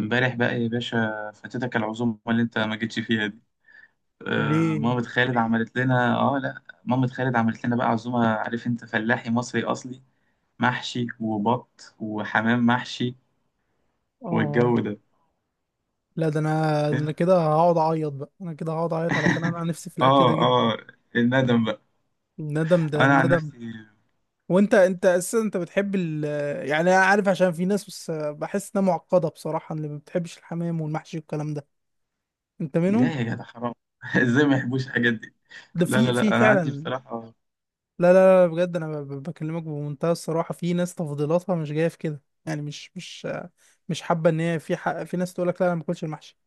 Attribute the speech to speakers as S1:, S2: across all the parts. S1: امبارح بقى يا باشا فاتتك العزومة اللي انت ما جيتش فيها دي. آه،
S2: ليه؟
S1: مامة خالد عملت لنا اه لا مامة خالد عملت لنا بقى عزومة. عارف انت، فلاحي مصري اصلي، محشي وبط وحمام محشي
S2: اه.
S1: والجو ده.
S2: لا، ده انا كده هقعد اعيط بقى انا كده هقعد اعيط علشان انا نفسي في الاكل ده
S1: اه
S2: جدا.
S1: اه الندم بقى.
S2: الندم ده
S1: انا عن
S2: الندم.
S1: نفسي
S2: وانت اساسا انت بتحب يعني انا عارف، عشان في ناس، بس بحس انها معقده بصراحه، اللي ما بتحبش الحمام والمحشي والكلام ده. انت
S1: لا
S2: منهم؟
S1: يا جدع، حرام ازاي ما يحبوش الحاجات دي.
S2: ده
S1: لا
S2: في
S1: لا
S2: في
S1: لا انا عندي
S2: فعلا.
S1: بصراحة.
S2: لا، لا، لا، بجد انا بكلمك بمنتهى الصراحه، في ناس تفضيلاتها مش جايه في كده، يعني مش حابه ان هي. في حق، في ناس تقول لك: لا انا ما باكلش المحشي.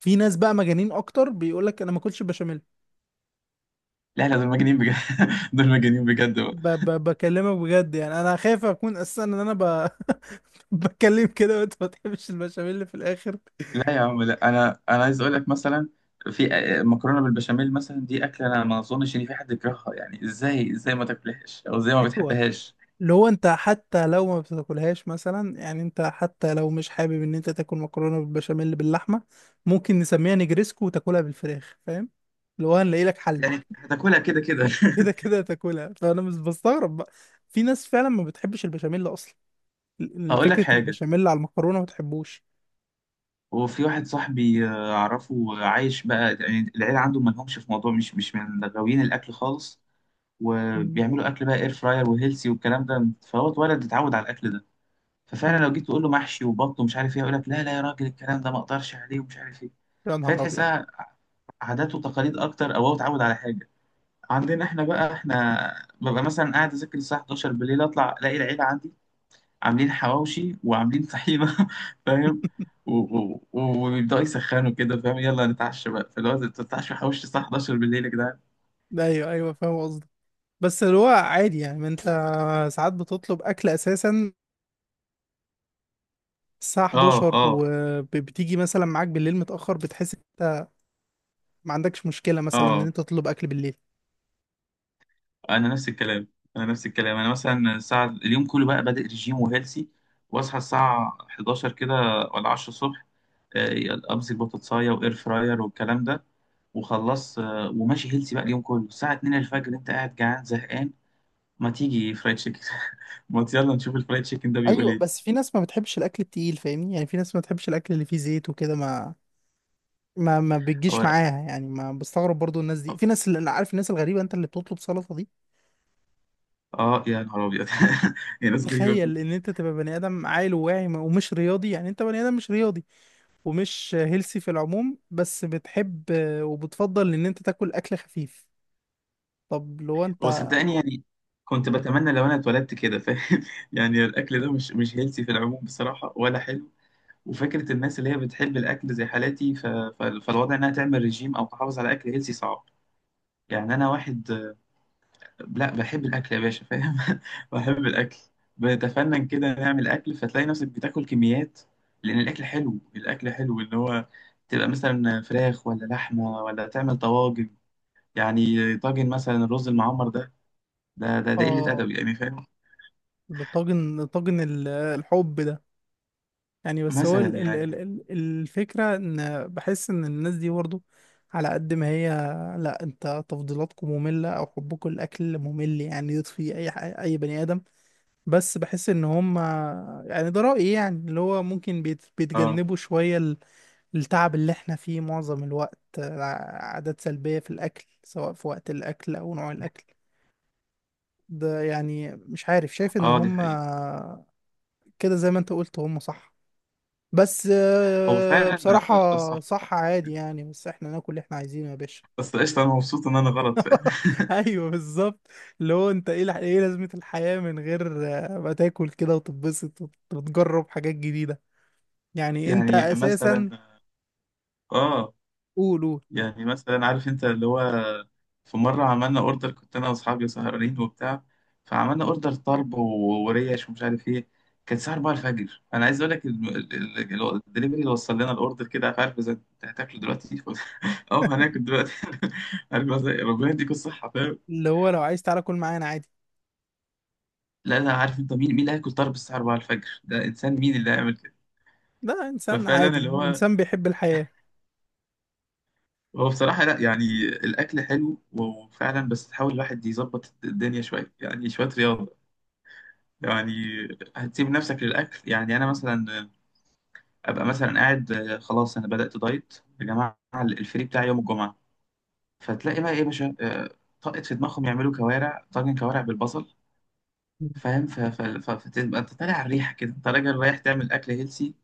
S2: في ناس بقى مجانين اكتر، بيقول لك: انا ما باكلش البشاميل.
S1: لا لا، دول مجانين بجد. دول مجانين بجد.
S2: ب ب بكلمك بجد، يعني انا خايف اكون اساسا ان انا. بتكلم كده وانت ما تحبش البشاميل اللي في الاخر.
S1: لا يا عم، لا، انا عايز اقول لك مثلا في مكرونه بالبشاميل مثلا، دي اكله انا ما اظنش ان في حد يكرهها. يعني ازاي، ازاي ما تاكلهاش او ازاي ما
S2: ايوه.
S1: بتحبهاش؟
S2: اللي هو انت حتى لو ما بتاكلهاش مثلا، يعني انت حتى لو مش حابب ان انت تاكل مكرونه بالبشاميل باللحمه، ممكن نسميها نجريسكو وتاكلها بالفراخ، فاهم؟ اللي هو هنلاقي لك حل.
S1: يعني هتاكلها كده كده.
S2: كده كده تاكلها، فانا مش بستغرب بقى. في ناس فعلا ما بتحبش البشاميل اصلا.
S1: اقول لك
S2: فكره
S1: حاجه،
S2: البشاميل على المكرونه ما بتحبوش.
S1: وفي واحد صاحبي، اعرفه، عايش بقى يعني العيله عنده ما لهمش في موضوع، مش من غاويين الاكل خالص.
S2: مم.
S1: وبيعملوا اكل بقى اير فراير وهيلسي والكلام ده، فهو اتولد اتعود على الاكل ده. ففعلا
S2: مم.
S1: لو جيت تقول له محشي وبط ومش عارف ايه، يقول لك لا لا يا راجل، الكلام ده ما اقدرش عليه ومش عارف ايه.
S2: يا
S1: فهي
S2: نهار ابيض.
S1: تحسها عادات وتقاليد اكتر، او هو اتعود على حاجه. عندنا احنا بقى، احنا ببقى مثلا قاعد اذاكر الساعه 11 بالليل، اطلع الاقي العيله عندي عاملين حواوشي وعاملين طحينه. فاهم، وبيبداوا يسخنوا كده. فاهم، يلا نتعشى بقى، فاللي هو تتعشى حواوشي الساعه 11 بالليل يا جدعان.
S2: ايوه، ايوه، فاهم قصدك. بس اللي هو عادي، يعني ما انت ساعات بتطلب اكل اساسا الساعة
S1: اه
S2: 11،
S1: اه
S2: وبتيجي مثلا معاك بالليل متأخر، بتحس انت ما عندكش مشكلة مثلا ان
S1: اه
S2: انت تطلب اكل بالليل.
S1: انا نفس الكلام. انا نفس الكلام، انا مثلا الساعه اليوم كله بقى بادئ رجيم وهيلسي، واصحى الساعه 11 كده ولا 10 الصبح، امسك بطاطسايه واير فراير والكلام ده، وخلص. وماشي هيلسي بقى اليوم كله، الساعه 2 الفجر انت قاعد جعان زهقان، ما تيجي فرايد تشيكن. ما ت- يلا نشوف الفرايد تشيكن ده بيقول
S2: ايوه، بس
S1: ايه.
S2: في ناس ما بتحبش الاكل التقيل، فاهمني؟ يعني في ناس ما بتحبش الاكل اللي فيه زيت وكده، ما بتجيش
S1: هو
S2: معاها، يعني ما بستغرب برضو الناس دي،
S1: اه،
S2: في ناس، اللي عارف، الناس الغريبة، انت اللي بتطلب سلطة دي.
S1: يا نهار ابيض. يا ناس غريبه،
S2: تخيل
S1: فاهم.
S2: ان انت تبقى بني ادم عاقل وواعي ومش رياضي، يعني انت بني ادم مش رياضي ومش هيلسي في العموم، بس بتحب وبتفضل ان انت تاكل اكل خفيف. طب لو انت.
S1: هو صدقني يعني كنت بتمنى لو انا اتولدت كده، فاهم. يعني الاكل ده مش هيلسي في العموم بصراحه ولا حلو. وفكرة الناس اللي هي بتحب الأكل زي حالاتي، فالوضع إنها تعمل رجيم أو تحافظ على أكل هيلسي صعب. يعني أنا واحد، لا، بحب الأكل يا باشا، فاهم. بحب الأكل، بنتفنن كده نعمل أكل، فتلاقي نفسك بتاكل كميات. لأن الأكل حلو، الأكل حلو إن هو تبقى مثلا فراخ ولا لحمة ولا تعمل طواجن. يعني طاجن مثلا الرز المعمر ده، ده قلة
S2: اه.
S1: أدب يعني، فاهم.
S2: ده طاجن، طاجن الحب ده، يعني. بس هو
S1: مثلا يعني.
S2: الفكرة ان بحس ان الناس دي برضه على قد ما هي، لا انت تفضيلاتكم مملة او حبكم الاكل ممل، يعني يطفي اي اي بني ادم. بس بحس ان هم، يعني ده رأيي، يعني اللي هو ممكن
S1: اه
S2: بيتجنبوا شوية التعب اللي احنا فيه معظم الوقت، عادات سلبية في الأكل، سواء في وقت الأكل أو نوع الأكل. ده يعني، مش عارف، شايف ان
S1: اه، دي
S2: هم
S1: حقيقة.
S2: كده زي ما انت قلت، هم صح. بس
S1: هو فعلا،
S2: بصراحة
S1: ده الصح.
S2: صح، عادي يعني، بس احنا ناكل اللي احنا عايزينه يا باشا.
S1: بس قشطة، أنا مبسوط إن أنا غلط، فاهم.
S2: ايوه، بالظبط. اللي هو انت ايه ايه لازمة الحياة من غير ما تاكل كده وتتبسط وتجرب حاجات جديدة؟ يعني انت
S1: يعني مثلا،
S2: اساسا.
S1: اه،
S2: قولوا.
S1: يعني مثلا عارف انت اللي هو في مرة عملنا اوردر، كنت انا واصحابي سهرانين وبتاع، فعملنا اوردر طرب وريش ومش عارف ايه. كان الساعة 4 الفجر، انا عايز اقول لك الدليفري اللي وصل لنا الاوردر كده عارف، عارف، اذا انت هتاكله دلوقتي؟ اه هناكل دلوقتي. عارف بس ربنا يديك الصحة، فاهم.
S2: اللي هو لو عايز تعالى كل معانا عادي.
S1: لا لا، عارف انت مين، مين اللي هياكل طرب الساعة 4 الفجر؟ ده انسان، مين اللي هيعمل كده؟
S2: ده انسان
S1: ففعلا
S2: عادي،
S1: اللي هو،
S2: انسان بيحب الحياة.
S1: هو بصراحة لا، يعني الأكل حلو وفعلا، بس تحاول الواحد يظبط الدنيا شوية، يعني شوية رياضة يعني. هتسيب نفسك للأكل؟ يعني أنا مثلا أبقى مثلا قاعد، خلاص أنا بدأت دايت يا جماعة، الفري بتاعي يوم الجمعة، فتلاقي بقى إيه يا باشا، طاقت في دماغهم يعملوا كوارع، طاجن كوارع بالبصل. فاهم، فتبقى أنت طالع على الريحة كده، أنت راجل رايح تعمل أكل هيلسي،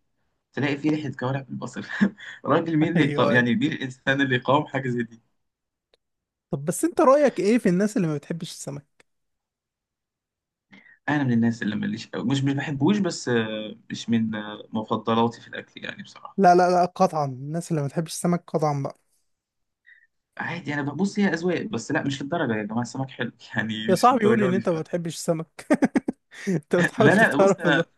S1: تلاقي فيه ريحة كوارع بالبصل. راجل مين
S2: ايوه،
S1: اللي يقاوم،
S2: ايوه.
S1: يعني مين الإنسان اللي يقاوم حاجة زي دي.
S2: طب بس انت رأيك ايه في الناس اللي ما بتحبش السمك؟
S1: انا من الناس اللي ماليش أوي. مش بحبوش، بس مش من مفضلاتي في الاكل يعني بصراحه.
S2: لا، لا، لا، قطعا الناس اللي ما بتحبش السمك، قطعا بقى.
S1: عادي انا ببص، هي اذواق، بس لا، مش للدرجه يا جماعه، السمك حلو. يعني
S2: يا
S1: مش
S2: صاحبي يقول
S1: للدرجه
S2: ان
S1: دي
S2: انت
S1: ف...
S2: ما بتحبش السمك؟ انت بتحاول
S1: لا لا، بص،
S2: تتعرف
S1: انا
S2: ده؟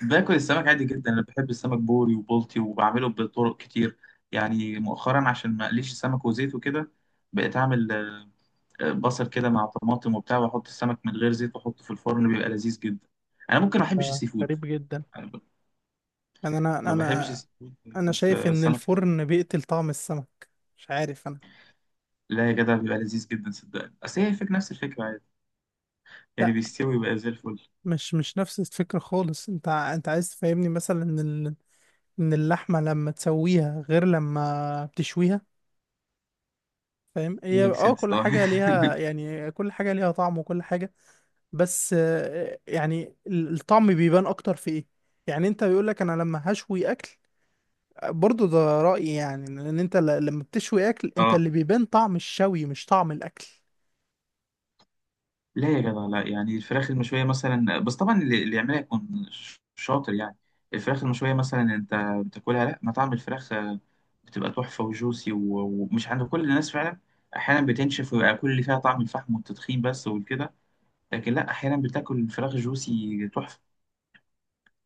S1: باكل السمك عادي جدا. انا بحب السمك بوري وبلطي، وبعمله بطرق كتير. يعني مؤخرا عشان ما اقليش السمك وزيت وكده، بقيت اعمل بصل كده مع طماطم وبتاع، واحط السمك من غير زيت واحطه في الفرن، بيبقى لذيذ جدا. انا ممكن ما احبش السي فود.
S2: غريب جدا.
S1: أنا ب-
S2: يعني انا
S1: ما بحبش
S2: انا
S1: السي فود.
S2: انا
S1: بس
S2: شايف ان
S1: السمك حلو.
S2: الفرن بيقتل طعم السمك. مش عارف انا.
S1: لا يا جدع بيبقى لذيذ جدا، صدقني، اصل هي الفكره نفس الفكره، عادي يعني
S2: لا،
S1: بيستوي ويبقى زي الفل.
S2: مش نفس الفكرة خالص. انت انت عايز تفهمني مثلا ان اللحمة لما تسويها غير لما بتشويها. فاهم، هي
S1: ميك سنس،
S2: كل
S1: اه.
S2: حاجة ليها، يعني كل حاجة ليها طعم وكل حاجة. بس يعني الطعم بيبان اكتر في ايه، يعني انت بيقولك انا لما هشوي اكل، برضو ده رأيي، يعني ان انت لما بتشوي اكل، انت
S1: اه،
S2: اللي بيبان طعم الشوي مش طعم الاكل.
S1: لا يا جدع لا، يعني الفراخ المشويه مثلا، بس طبعا اللي يعملها يكون شاطر يعني. الفراخ المشويه مثلا انت بتاكلها، لا، مطعم الفراخ، بتبقى تحفه وجوسي ومش عند كل الناس فعلا. احيانا بتنشف ويبقى كل اللي فيها طعم الفحم والتدخين بس وكده، لكن لا، احيانا بتاكل الفراخ جوسي تحفه.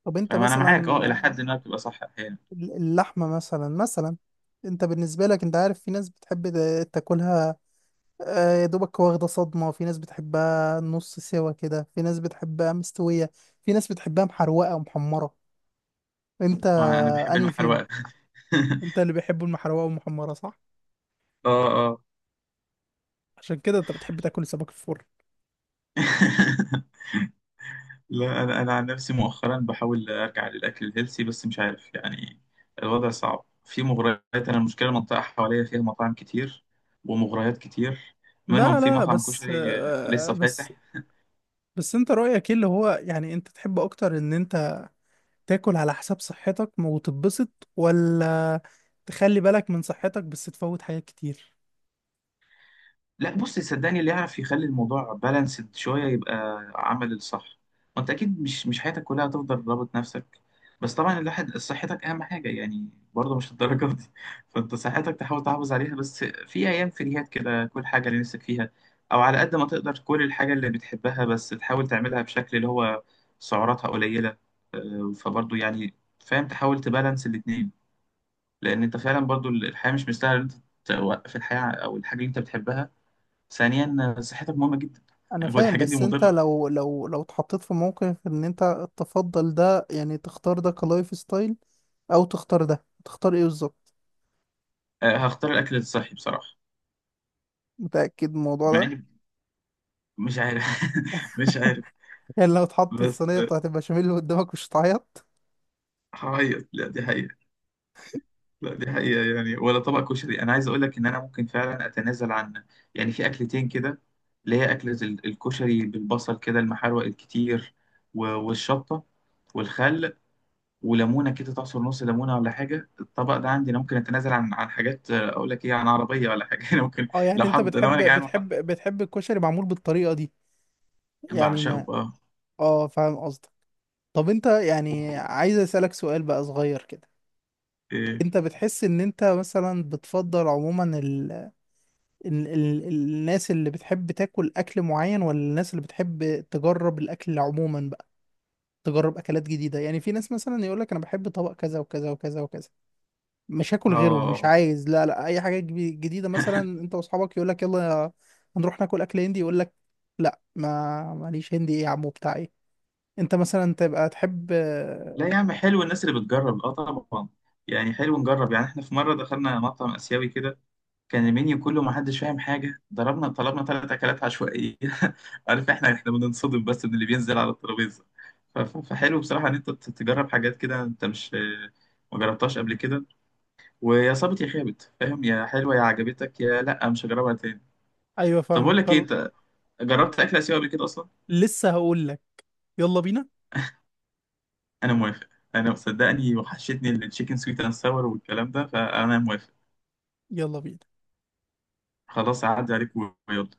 S2: طب انت
S1: فانا معاك، اه،
S2: مثلا،
S1: الى حد ما بتبقى صح احيانا.
S2: اللحمة مثلا، انت بالنسبة لك، انت عارف في ناس بتحب تاكلها يا دوبك واخدة صدمة، في ناس بتحبها نص سوا كده، في ناس بتحبها مستوية، في ناس بتحبها محروقة ومحمرة. انت
S1: وانا بحب
S2: انهي فيهم؟
S1: المحروقه.
S2: انت اللي بيحبوا المحروقة والمحمرة، صح؟
S1: اه.
S2: عشان كده انت بتحب تاكل السمك في الفرن.
S1: لا، انا عن نفسي مؤخرا بحاول ارجع للاكل الهيلثي، بس مش عارف يعني، الوضع صعب، في مغريات. انا المشكله المنطقه حواليا فيها مطاعم كتير ومغريات كتير، منهم
S2: لا،
S1: في
S2: لا،
S1: مطعم
S2: بس
S1: كشري
S2: آه،
S1: لسه
S2: بس
S1: فاتح.
S2: بس انت رأيك ايه اللي هو، يعني انت تحب اكتر ان انت تاكل على حساب صحتك وتتبسط، ولا تخلي بالك من صحتك بس تفوت حاجات كتير؟
S1: لا بص، صدقني، اللي يعرف يخلي الموضوع بالانسد شويه يبقى عمل الصح. وانت اكيد مش حياتك كلها هتفضل رابط نفسك. بس طبعا الواحد صحتك اهم حاجه، يعني برضه مش الدرجه دي. فانت صحتك تحاول تحافظ عليها، بس في ايام فريهات كده كل حاجه اللي نفسك فيها، او على قد ما تقدر كل الحاجه اللي بتحبها، بس تحاول تعملها بشكل اللي هو سعراتها قليله. فبرضه يعني، فاهم، تحاول تبالانس الاتنين، لان انت فعلا برضه الحياه مش مستاهله إن انت توقف الحياه او الحاجه اللي انت بتحبها. ثانيا صحتك مهمة جدا.
S2: انا
S1: هو
S2: فاهم،
S1: الحاجات دي
S2: بس انت
S1: مضرة.
S2: لو اتحطيت في موقف ان انت تفضل ده، يعني تختار ده كلايف ستايل او تختار ده، تختار ايه بالظبط؟
S1: هختار الأكل الصحي بصراحة.
S2: متأكد من الموضوع
S1: مع
S2: ده؟
S1: إني مش عارف. مش عارف.
S2: يعني لو اتحط
S1: بس
S2: الصينية بتاعت البشاميل اللي قدامك، مش هتعيط؟
S1: هعيط، لا، دي حقيقة. لا دي حقيقة، يعني ولا طبق كشري. أنا عايز أقول لك إن أنا ممكن فعلا أتنازل عن، يعني في أكلتين كده، اللي هي أكلة الكشري بالبصل كده المحروق الكتير والشطة والخل وليمونة كده، تعصر نص ليمونة ولا حاجة. الطبق ده عندي أنا ممكن أتنازل عن، عن حاجات، أقول لك إيه، عن عربية ولا حاجة. أنا ممكن
S2: اه، يعني
S1: لو
S2: انت
S1: حد، لو
S2: بتحب
S1: أنا جعان،
S2: بتحب بتحب الكشري معمول بالطريقة دي؟ يعني
S1: بعشقه
S2: ما.
S1: بقى.
S2: اه، فاهم قصدك. طب انت، يعني
S1: و-
S2: عايز اسألك سؤال بقى صغير كده.
S1: إيه.
S2: انت بتحس ان انت مثلا بتفضل عموما الناس اللي بتحب تاكل اكل معين، ولا الناس اللي بتحب تجرب الاكل عموما بقى؟ تجرب اكلات جديده، يعني في ناس مثلا يقول لك: انا بحب طبق كذا وكذا وكذا وكذا، مش هاكل غيره، مش
S1: اه.
S2: عايز لا لا اي حاجه جديده. مثلا انت واصحابك يقول لك: يلا هنروح ناكل اكل هندي، يقول لك: لا، ما ماليش هندي، ايه يا عمو بتاع ايه؟ انت مثلا تبقى تحب.
S1: لا يا عم حلو الناس اللي بتجرب، اه طبعا. يعني حلو نجرب، يعني احنا في مرة دخلنا مطعم آسيوي كده، كان المنيو كله ما حدش فاهم حاجة، ضربنا طلبنا 3 أكلات عشوائية. عارف احنا، احنا بننصدم بس من اللي بينزل على الترابيزة. فحلو بصراحة إن أنت تجرب حاجات كده أنت مش ما جربتهاش قبل كده. ويا صابت يا خابت، فاهم، يا حلوة يا عجبتك يا لأ مش هجربها تاني.
S2: ايوه،
S1: طب أقول
S2: فاهمك
S1: لك إيه،
S2: طلع.
S1: أنت جربت أكل آسيوي قبل كده أصلا؟
S2: لسه هقول لك. يلا بينا.
S1: انا موافق. انا صدقني وحشتني التشيكن سويت اند ساور والكلام ده، فانا موافق.
S2: يلا بينا.
S1: خلاص اعدي عليك ويلا.